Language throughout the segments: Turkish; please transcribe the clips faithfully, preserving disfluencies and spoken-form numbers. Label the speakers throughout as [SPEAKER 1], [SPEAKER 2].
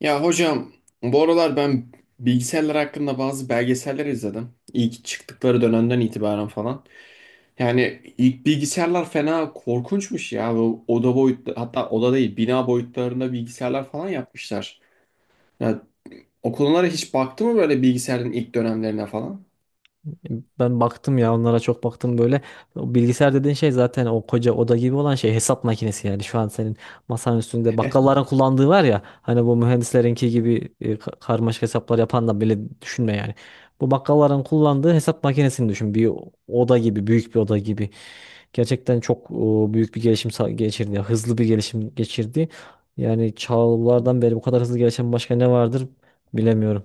[SPEAKER 1] Ya hocam, bu aralar ben bilgisayarlar hakkında bazı belgeseller izledim. İlk çıktıkları dönemden itibaren falan. Yani ilk bilgisayarlar fena korkunçmuş ya. Bu oda boyutlu, hatta oda değil bina boyutlarında bilgisayarlar falan yapmışlar. Ya, o konulara hiç baktı mı böyle, bilgisayarın ilk dönemlerine falan?
[SPEAKER 2] Ben baktım ya onlara çok baktım böyle. O bilgisayar dediğin şey zaten o koca oda gibi olan şey hesap makinesi yani. Şu an senin masanın üstünde bakkalların kullandığı var ya hani bu mühendislerinki gibi e, ka- karmaşık hesaplar yapan da bile düşünme yani. Bu bakkalların kullandığı hesap makinesini düşün. Bir oda gibi, büyük bir oda gibi. Gerçekten çok e, büyük bir gelişim sa- geçirdi. Ya, hızlı bir gelişim geçirdi. Yani çağlardan beri bu kadar hızlı gelişen başka ne vardır bilemiyorum.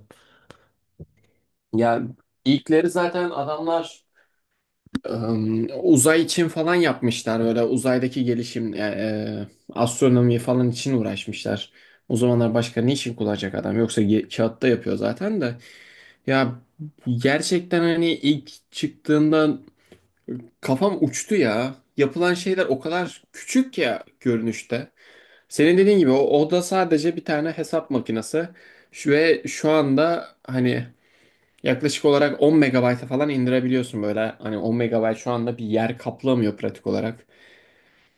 [SPEAKER 1] Ya, ilkleri zaten adamlar Em, uzay için falan yapmışlar, böyle uzaydaki gelişim yani, e, astronomi falan için uğraşmışlar. O zamanlar başka ne için kullanacak adam? Yoksa ge- kağıtta yapıyor zaten de. Ya, gerçekten hani ilk çıktığında kafam uçtu ya. Yapılan şeyler o kadar küçük ya görünüşte. Senin dediğin gibi o, o da sadece bir tane hesap makinesi. Şu, ve şu anda hani yaklaşık olarak on megabayta falan indirebiliyorsun böyle. Hani on megabayt şu anda bir yer kaplamıyor pratik olarak.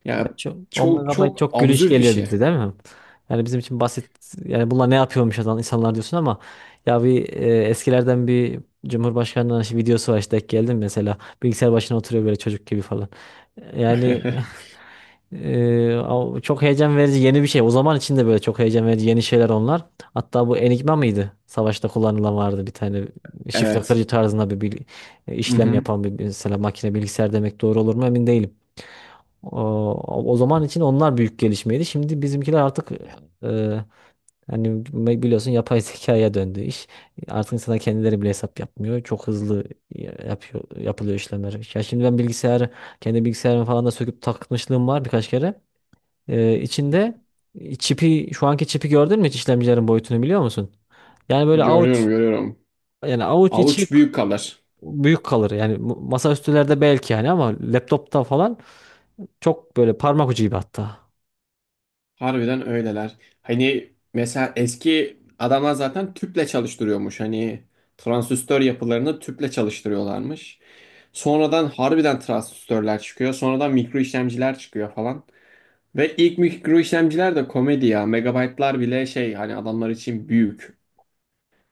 [SPEAKER 1] Ya,
[SPEAKER 2] Çok, 10
[SPEAKER 1] çok
[SPEAKER 2] megabayt
[SPEAKER 1] çok
[SPEAKER 2] çok gülüş
[SPEAKER 1] absürt bir
[SPEAKER 2] geliyor
[SPEAKER 1] şey.
[SPEAKER 2] bize değil mi? Yani bizim için basit, yani bunlar ne yapıyormuş adam insanlar diyorsun ama ya bir e, eskilerden bir Cumhurbaşkanı'nın işte videosu var, işte denk geldim mesela, bilgisayar başına oturuyor böyle çocuk gibi falan. Yani e, o çok heyecan verici yeni bir şey. O zaman için de böyle çok heyecan verici yeni şeyler onlar. Hatta bu Enigma mıydı? Savaşta kullanılan vardı bir tane, şifre
[SPEAKER 1] Evet.
[SPEAKER 2] kırıcı tarzında bir, bil- e,
[SPEAKER 1] Hı
[SPEAKER 2] işlem
[SPEAKER 1] hı.
[SPEAKER 2] yapan bir mesela makine, bilgisayar demek doğru olur mu emin değilim. O, o zaman için onlar büyük gelişmeydi. Şimdi bizimkiler artık e, hani biliyorsun yapay zekaya döndü iş. Artık insanlar kendileri bile hesap yapmıyor. Çok hızlı yapıyor, yapılıyor işlemler. Ya şimdi ben bilgisayarı, kendi bilgisayarımı falan da söküp takmışlığım var birkaç kere. E, içinde çipi, şu anki çipi gördün mü hiç, işlemcilerin boyutunu biliyor musun? Yani böyle
[SPEAKER 1] Görüyorum,
[SPEAKER 2] avuç,
[SPEAKER 1] görüyorum.
[SPEAKER 2] yani avuç içi
[SPEAKER 1] Avuç büyük kalır.
[SPEAKER 2] büyük kalır. Yani mu- masaüstülerde belki yani, ama laptopta falan çok böyle parmak ucu gibi hatta.
[SPEAKER 1] Harbiden öyleler. Hani mesela eski adamlar zaten tüple çalıştırıyormuş. Hani transistör yapılarını tüple çalıştırıyorlarmış. Sonradan harbiden transistörler çıkıyor. Sonradan mikro işlemciler çıkıyor falan. Ve ilk mikro işlemciler de komedi ya. Megabaytlar bile şey hani, adamlar için büyük.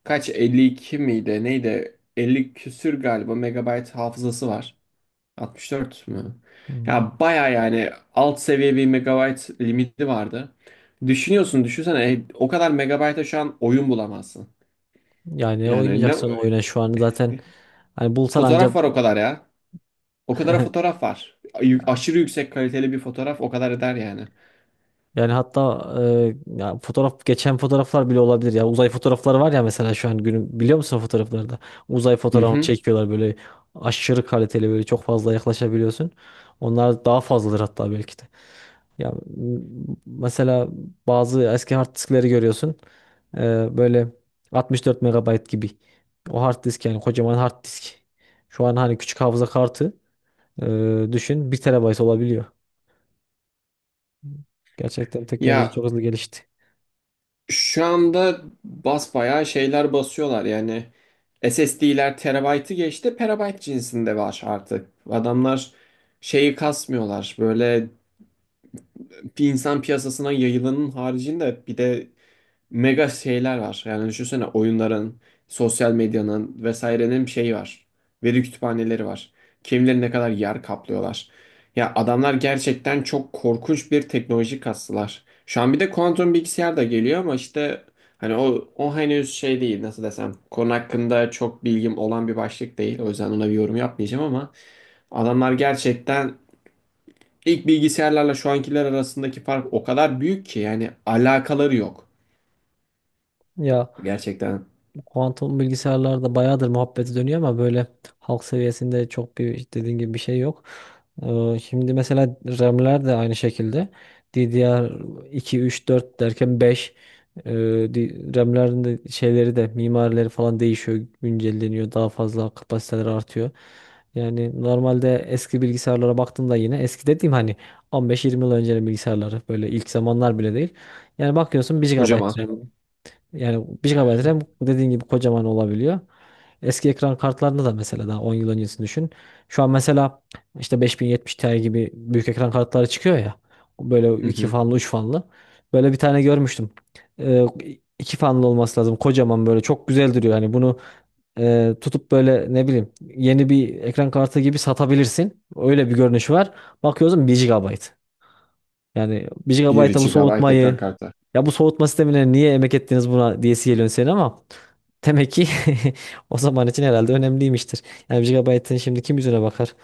[SPEAKER 1] Kaç, elli iki miydi neydi? elli küsür galiba megabayt hafızası var. altmış dört mü?
[SPEAKER 2] Hmm.
[SPEAKER 1] Ya baya yani, alt seviye bir megabayt limiti vardı. Düşünüyorsun, düşünsene e, o kadar megabayta şu an oyun bulamazsın.
[SPEAKER 2] Yani ne
[SPEAKER 1] Yani ne
[SPEAKER 2] oynayacaksan oyuna şu an zaten hani bulsan ancak.
[SPEAKER 1] fotoğraf var o kadar ya. O kadar fotoğraf var. Ay- Aşırı yüksek kaliteli bir fotoğraf o kadar eder yani.
[SPEAKER 2] Yani hatta e, ya fotoğraf, geçen fotoğraflar bile olabilir ya. Uzay fotoğrafları var ya mesela, şu an günün biliyor musun o fotoğraflarda? Uzay
[SPEAKER 1] Hı
[SPEAKER 2] fotoğrafını
[SPEAKER 1] hı.
[SPEAKER 2] çekiyorlar böyle, aşırı kaliteli böyle, çok fazla yaklaşabiliyorsun. Onlar daha fazladır hatta belki de. Ya m- mesela bazı eski hard diskleri görüyorsun. E, böyle 64 megabayt gibi. O hard disk yani, kocaman hard disk. Şu an hani küçük hafıza kartı e, düşün, bir terabayt olabiliyor. Gerçekten teknoloji
[SPEAKER 1] Ya,
[SPEAKER 2] çok hızlı gelişti.
[SPEAKER 1] şu anda basbayağı şeyler basıyorlar yani, S S D'ler terabaytı geçti, perabayt cinsinde var artık. Adamlar şeyi kasmıyorlar böyle, bir insan piyasasına yayılanın haricinde bir de mega şeyler var. Yani düşünsene, oyunların, sosyal medyanın vesairenin bir şeyi var. Veri kütüphaneleri var. Kimileri ne kadar yer kaplıyorlar. Ya adamlar gerçekten çok korkunç bir teknoloji kastılar. Şu an bir de kuantum bilgisayar da geliyor ama işte hani o, o henüz şey değil, nasıl desem. Konu hakkında çok bilgim olan bir başlık değil. O yüzden ona bir yorum yapmayacağım ama adamlar gerçekten ilk bilgisayarlarla şu ankiler arasındaki fark o kadar büyük ki, yani alakaları yok.
[SPEAKER 2] Ya,
[SPEAKER 1] Gerçekten.
[SPEAKER 2] kuantum bilgisayarlarda bayağıdır muhabbeti dönüyor, ama böyle halk seviyesinde çok bir, dediğin gibi, bir şey yok. Ee, Şimdi mesela R A M'ler de aynı şekilde, D D R iki, üç, dört derken beş, e, di- R A M'lerin de şeyleri de, mimarileri falan değişiyor, güncelleniyor, daha fazla kapasiteler artıyor. Yani normalde eski bilgisayarlara baktığımda, yine eski dediğim hani on beş yirmi yıl öncenin bilgisayarları, böyle ilk zamanlar bile değil. Yani bakıyorsun bir G B,
[SPEAKER 1] Kocaman.
[SPEAKER 2] yani bir G B RAM dediğin gibi kocaman olabiliyor. Eski ekran kartlarında da mesela daha on yıl öncesini düşün. Şu an mesela işte beş bin yetmiş Ti gibi büyük ekran kartları çıkıyor ya. Böyle
[SPEAKER 1] Hı
[SPEAKER 2] iki
[SPEAKER 1] hı.
[SPEAKER 2] fanlı, üç fanlı. Böyle bir tane görmüştüm. Ee, iki fanlı olması lazım. Kocaman, böyle çok güzel duruyor. Hani bunu e, tutup böyle ne bileyim, yeni bir ekran kartı gibi satabilirsin. Öyle bir görünüşü var. Bakıyorsun bir G B. Yani bir G B'a
[SPEAKER 1] 1
[SPEAKER 2] bu
[SPEAKER 1] GB ekran
[SPEAKER 2] soğutmayı,
[SPEAKER 1] kartı.
[SPEAKER 2] ya bu soğutma sistemine niye emek ettiniz buna diyesi geliyor senin, ama demek ki o zaman için herhalde önemliymiştir. Yani bir G B'ın şimdi kim yüzüne bakar?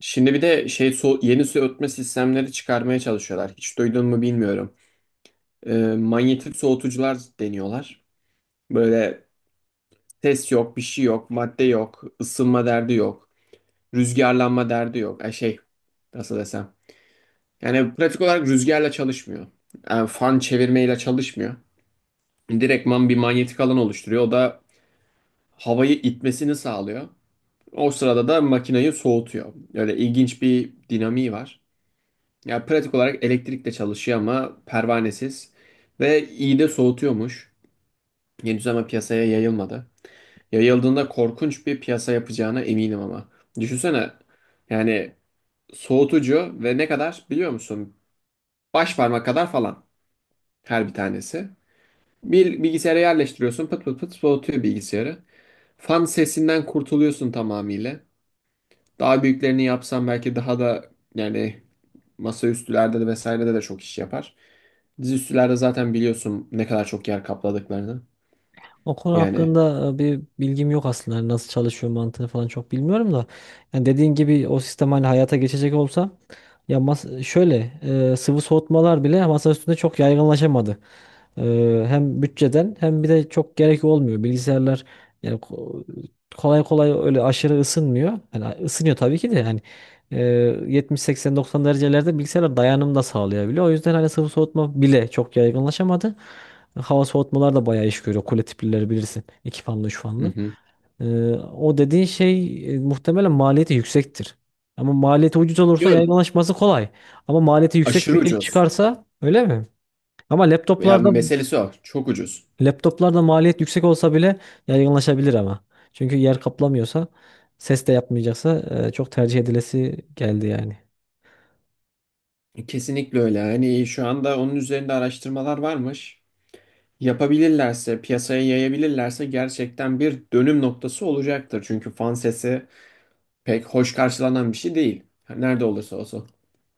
[SPEAKER 1] Şimdi bir de şey, so yeni soğutma sistemleri çıkarmaya çalışıyorlar. Hiç duydun mu bilmiyorum. Ee, manyetik soğutucular deniyorlar. Böyle ses yok, bir şey yok, madde yok, ısınma derdi yok, rüzgarlanma derdi yok. Ay şey, nasıl desem. Yani pratik olarak rüzgarla çalışmıyor. Yani fan çevirmeyle çalışmıyor. Direktman bir manyetik alan oluşturuyor. O da havayı itmesini sağlıyor. O sırada da makineyi soğutuyor. Öyle ilginç bir dinamiği var. Yani pratik olarak elektrikle çalışıyor ama pervanesiz. Ve iyi de soğutuyormuş. Henüz ama piyasaya yayılmadı. Yayıldığında korkunç bir piyasa yapacağına eminim ama. Düşünsene, yani soğutucu ve ne kadar biliyor musun? Baş parmak kadar falan her bir tanesi. Bir bilgisayara yerleştiriyorsun, pıt pıt pıt soğutuyor bilgisayarı. Fan sesinden kurtuluyorsun tamamıyla. Daha büyüklerini yapsam belki daha da yani masaüstülerde de vesairede de çok iş yapar. Dizüstülerde zaten biliyorsun ne kadar çok yer kapladıklarını.
[SPEAKER 2] O konu
[SPEAKER 1] Yani
[SPEAKER 2] hakkında e, bir bilgim yok aslında. Yani nasıl çalışıyor, mantığını falan çok bilmiyorum da. Yani dediğin gibi o sistem hani hayata geçecek olsa, ya mas- şöyle e, sıvı soğutmalar bile masa üstünde çok yaygınlaşamadı. E, hem bütçeden, hem bir de çok gerek olmuyor. Bilgisayarlar yani ko- kolay kolay öyle aşırı ısınmıyor. Yani ısınıyor tabii ki de yani, e, yetmiş seksen doksan derecelerde bilgisayarlar dayanım da sağlayabiliyor. O yüzden hani sıvı soğutma bile çok yaygınlaşamadı. Hava soğutmalar da bayağı iş görüyor. Kule tiplileri bilirsin. İki fanlı, üç
[SPEAKER 1] hı
[SPEAKER 2] fanlı.
[SPEAKER 1] hı.
[SPEAKER 2] Ee, o dediğin şey e, muhtemelen maliyeti yüksektir. Ama maliyeti ucuz olursa
[SPEAKER 1] Yok,
[SPEAKER 2] yaygınlaşması kolay. Ama maliyeti yüksek
[SPEAKER 1] aşırı
[SPEAKER 2] bir şey
[SPEAKER 1] ucuz.
[SPEAKER 2] çıkarsa öyle mi? Ama
[SPEAKER 1] Ya
[SPEAKER 2] laptoplarda
[SPEAKER 1] meselesi o. Çok ucuz.
[SPEAKER 2] Laptoplarda maliyet yüksek olsa bile yaygınlaşabilir ama. Çünkü yer kaplamıyorsa, ses de yapmayacaksa e, çok tercih edilesi geldi yani.
[SPEAKER 1] Kesinlikle öyle. Hani şu anda onun üzerinde araştırmalar varmış. Yapabilirlerse, piyasaya yayabilirlerse gerçekten bir dönüm noktası olacaktır. Çünkü fan sesi pek hoş karşılanan bir şey değil. Nerede olursa olsun.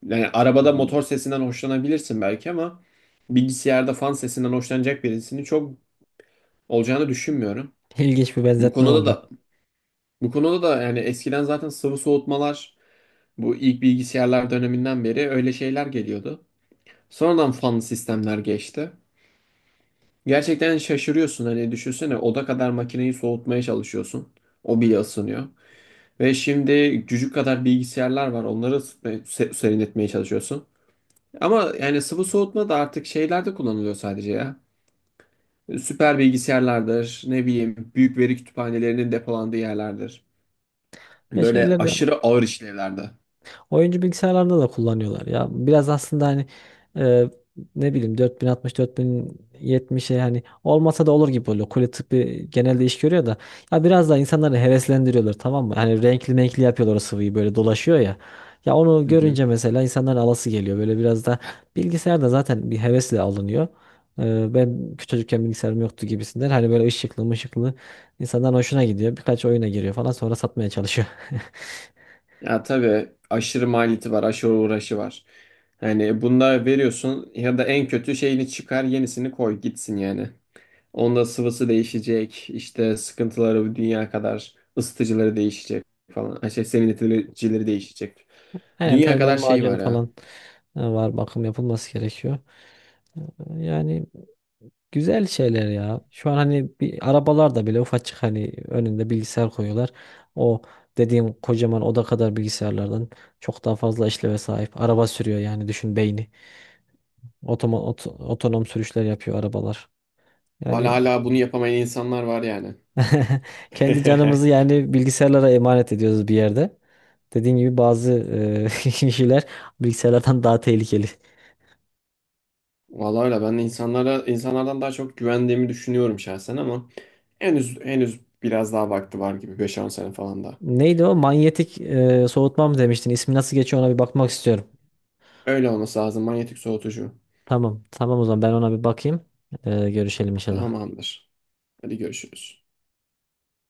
[SPEAKER 1] Yani arabada motor sesinden hoşlanabilirsin belki ama bilgisayarda fan sesinden hoşlanacak birisini çok olacağını düşünmüyorum.
[SPEAKER 2] İlginç bir
[SPEAKER 1] Bu
[SPEAKER 2] benzetme
[SPEAKER 1] konuda
[SPEAKER 2] oldu.
[SPEAKER 1] da Bu konuda da yani eskiden zaten sıvı soğutmalar, bu ilk bilgisayarlar döneminden beri öyle şeyler geliyordu. Sonradan fanlı sistemler geçti. Gerçekten şaşırıyorsun, hani düşünsene oda kadar makineyi soğutmaya çalışıyorsun. O bile ısınıyor. Ve şimdi cücük kadar bilgisayarlar var. Onları ısıtmaya- se- serinletmeye çalışıyorsun. Ama yani sıvı soğutma da artık şeylerde kullanılıyor sadece ya. Süper bilgisayarlardır, ne bileyim büyük veri kütüphanelerinin depolandığı yerlerdir.
[SPEAKER 2] Ya
[SPEAKER 1] Böyle
[SPEAKER 2] şeyler de
[SPEAKER 1] aşırı ağır işlevlerde.
[SPEAKER 2] Oyuncu bilgisayarlarda da kullanıyorlar ya. Biraz aslında hani e, ne bileyim, dört bin altmış, dört bin yetmişe hani olmasa da olur gibi oluyor. Kule tıbbi genelde iş görüyor da, ya biraz daha insanları heveslendiriyorlar, tamam mı? Hani renkli renkli yapıyorlar o sıvıyı, böyle dolaşıyor ya. Ya onu
[SPEAKER 1] Hı hı.
[SPEAKER 2] görünce mesela insanların alası geliyor. Böyle biraz da bilgisayar da zaten bir hevesle alınıyor. E, ben küçücükken bilgisayarım yoktu gibisinden. Hani böyle ışıklı ışıklı, insanların hoşuna gidiyor. Birkaç oyuna giriyor falan, sonra satmaya çalışıyor.
[SPEAKER 1] Ya tabii, aşırı maliyeti var, aşırı uğraşı var. Yani bunda veriyorsun ya da en kötü şeyini çıkar, yenisini koy gitsin yani. Onda sıvısı değişecek, işte sıkıntıları bu dünya kadar, ısıtıcıları değişecek falan. Ha şey, serinleticileri değişecek.
[SPEAKER 2] Aynen,
[SPEAKER 1] Dünya
[SPEAKER 2] termal
[SPEAKER 1] kadar şey
[SPEAKER 2] macun
[SPEAKER 1] var ya.
[SPEAKER 2] falan. Ha, var bakım yapılması gerekiyor. E, Yani güzel şeyler ya. Şu an hani bir arabalarda bile ufacık, hani önünde bilgisayar koyuyorlar. O dediğim kocaman oda kadar bilgisayarlardan çok daha fazla işleve sahip. Araba sürüyor, yani düşün, beyni. Otoma, ot- otonom sürüşler yapıyor arabalar.
[SPEAKER 1] Hala
[SPEAKER 2] Yani
[SPEAKER 1] hala bunu yapamayan insanlar var yani.
[SPEAKER 2] kendi canımızı yani bilgisayarlara emanet ediyoruz bir yerde. Dediğim gibi bazı e, kişiler bilgisayarlardan daha tehlikeli.
[SPEAKER 1] Vallahi öyle, ben de insanlara insanlardan daha çok güvendiğimi düşünüyorum şahsen ama henüz henüz biraz daha vakti var gibi, beş on sene falan da.
[SPEAKER 2] Neydi o? Manyetik e, soğutma mı demiştin? İsmi nasıl geçiyor, ona bir bakmak istiyorum.
[SPEAKER 1] Öyle olması lazım, manyetik soğutucu.
[SPEAKER 2] Tamam. Tamam, o zaman ben ona bir bakayım. E, görüşelim inşallah.
[SPEAKER 1] Tamamdır. Hadi görüşürüz.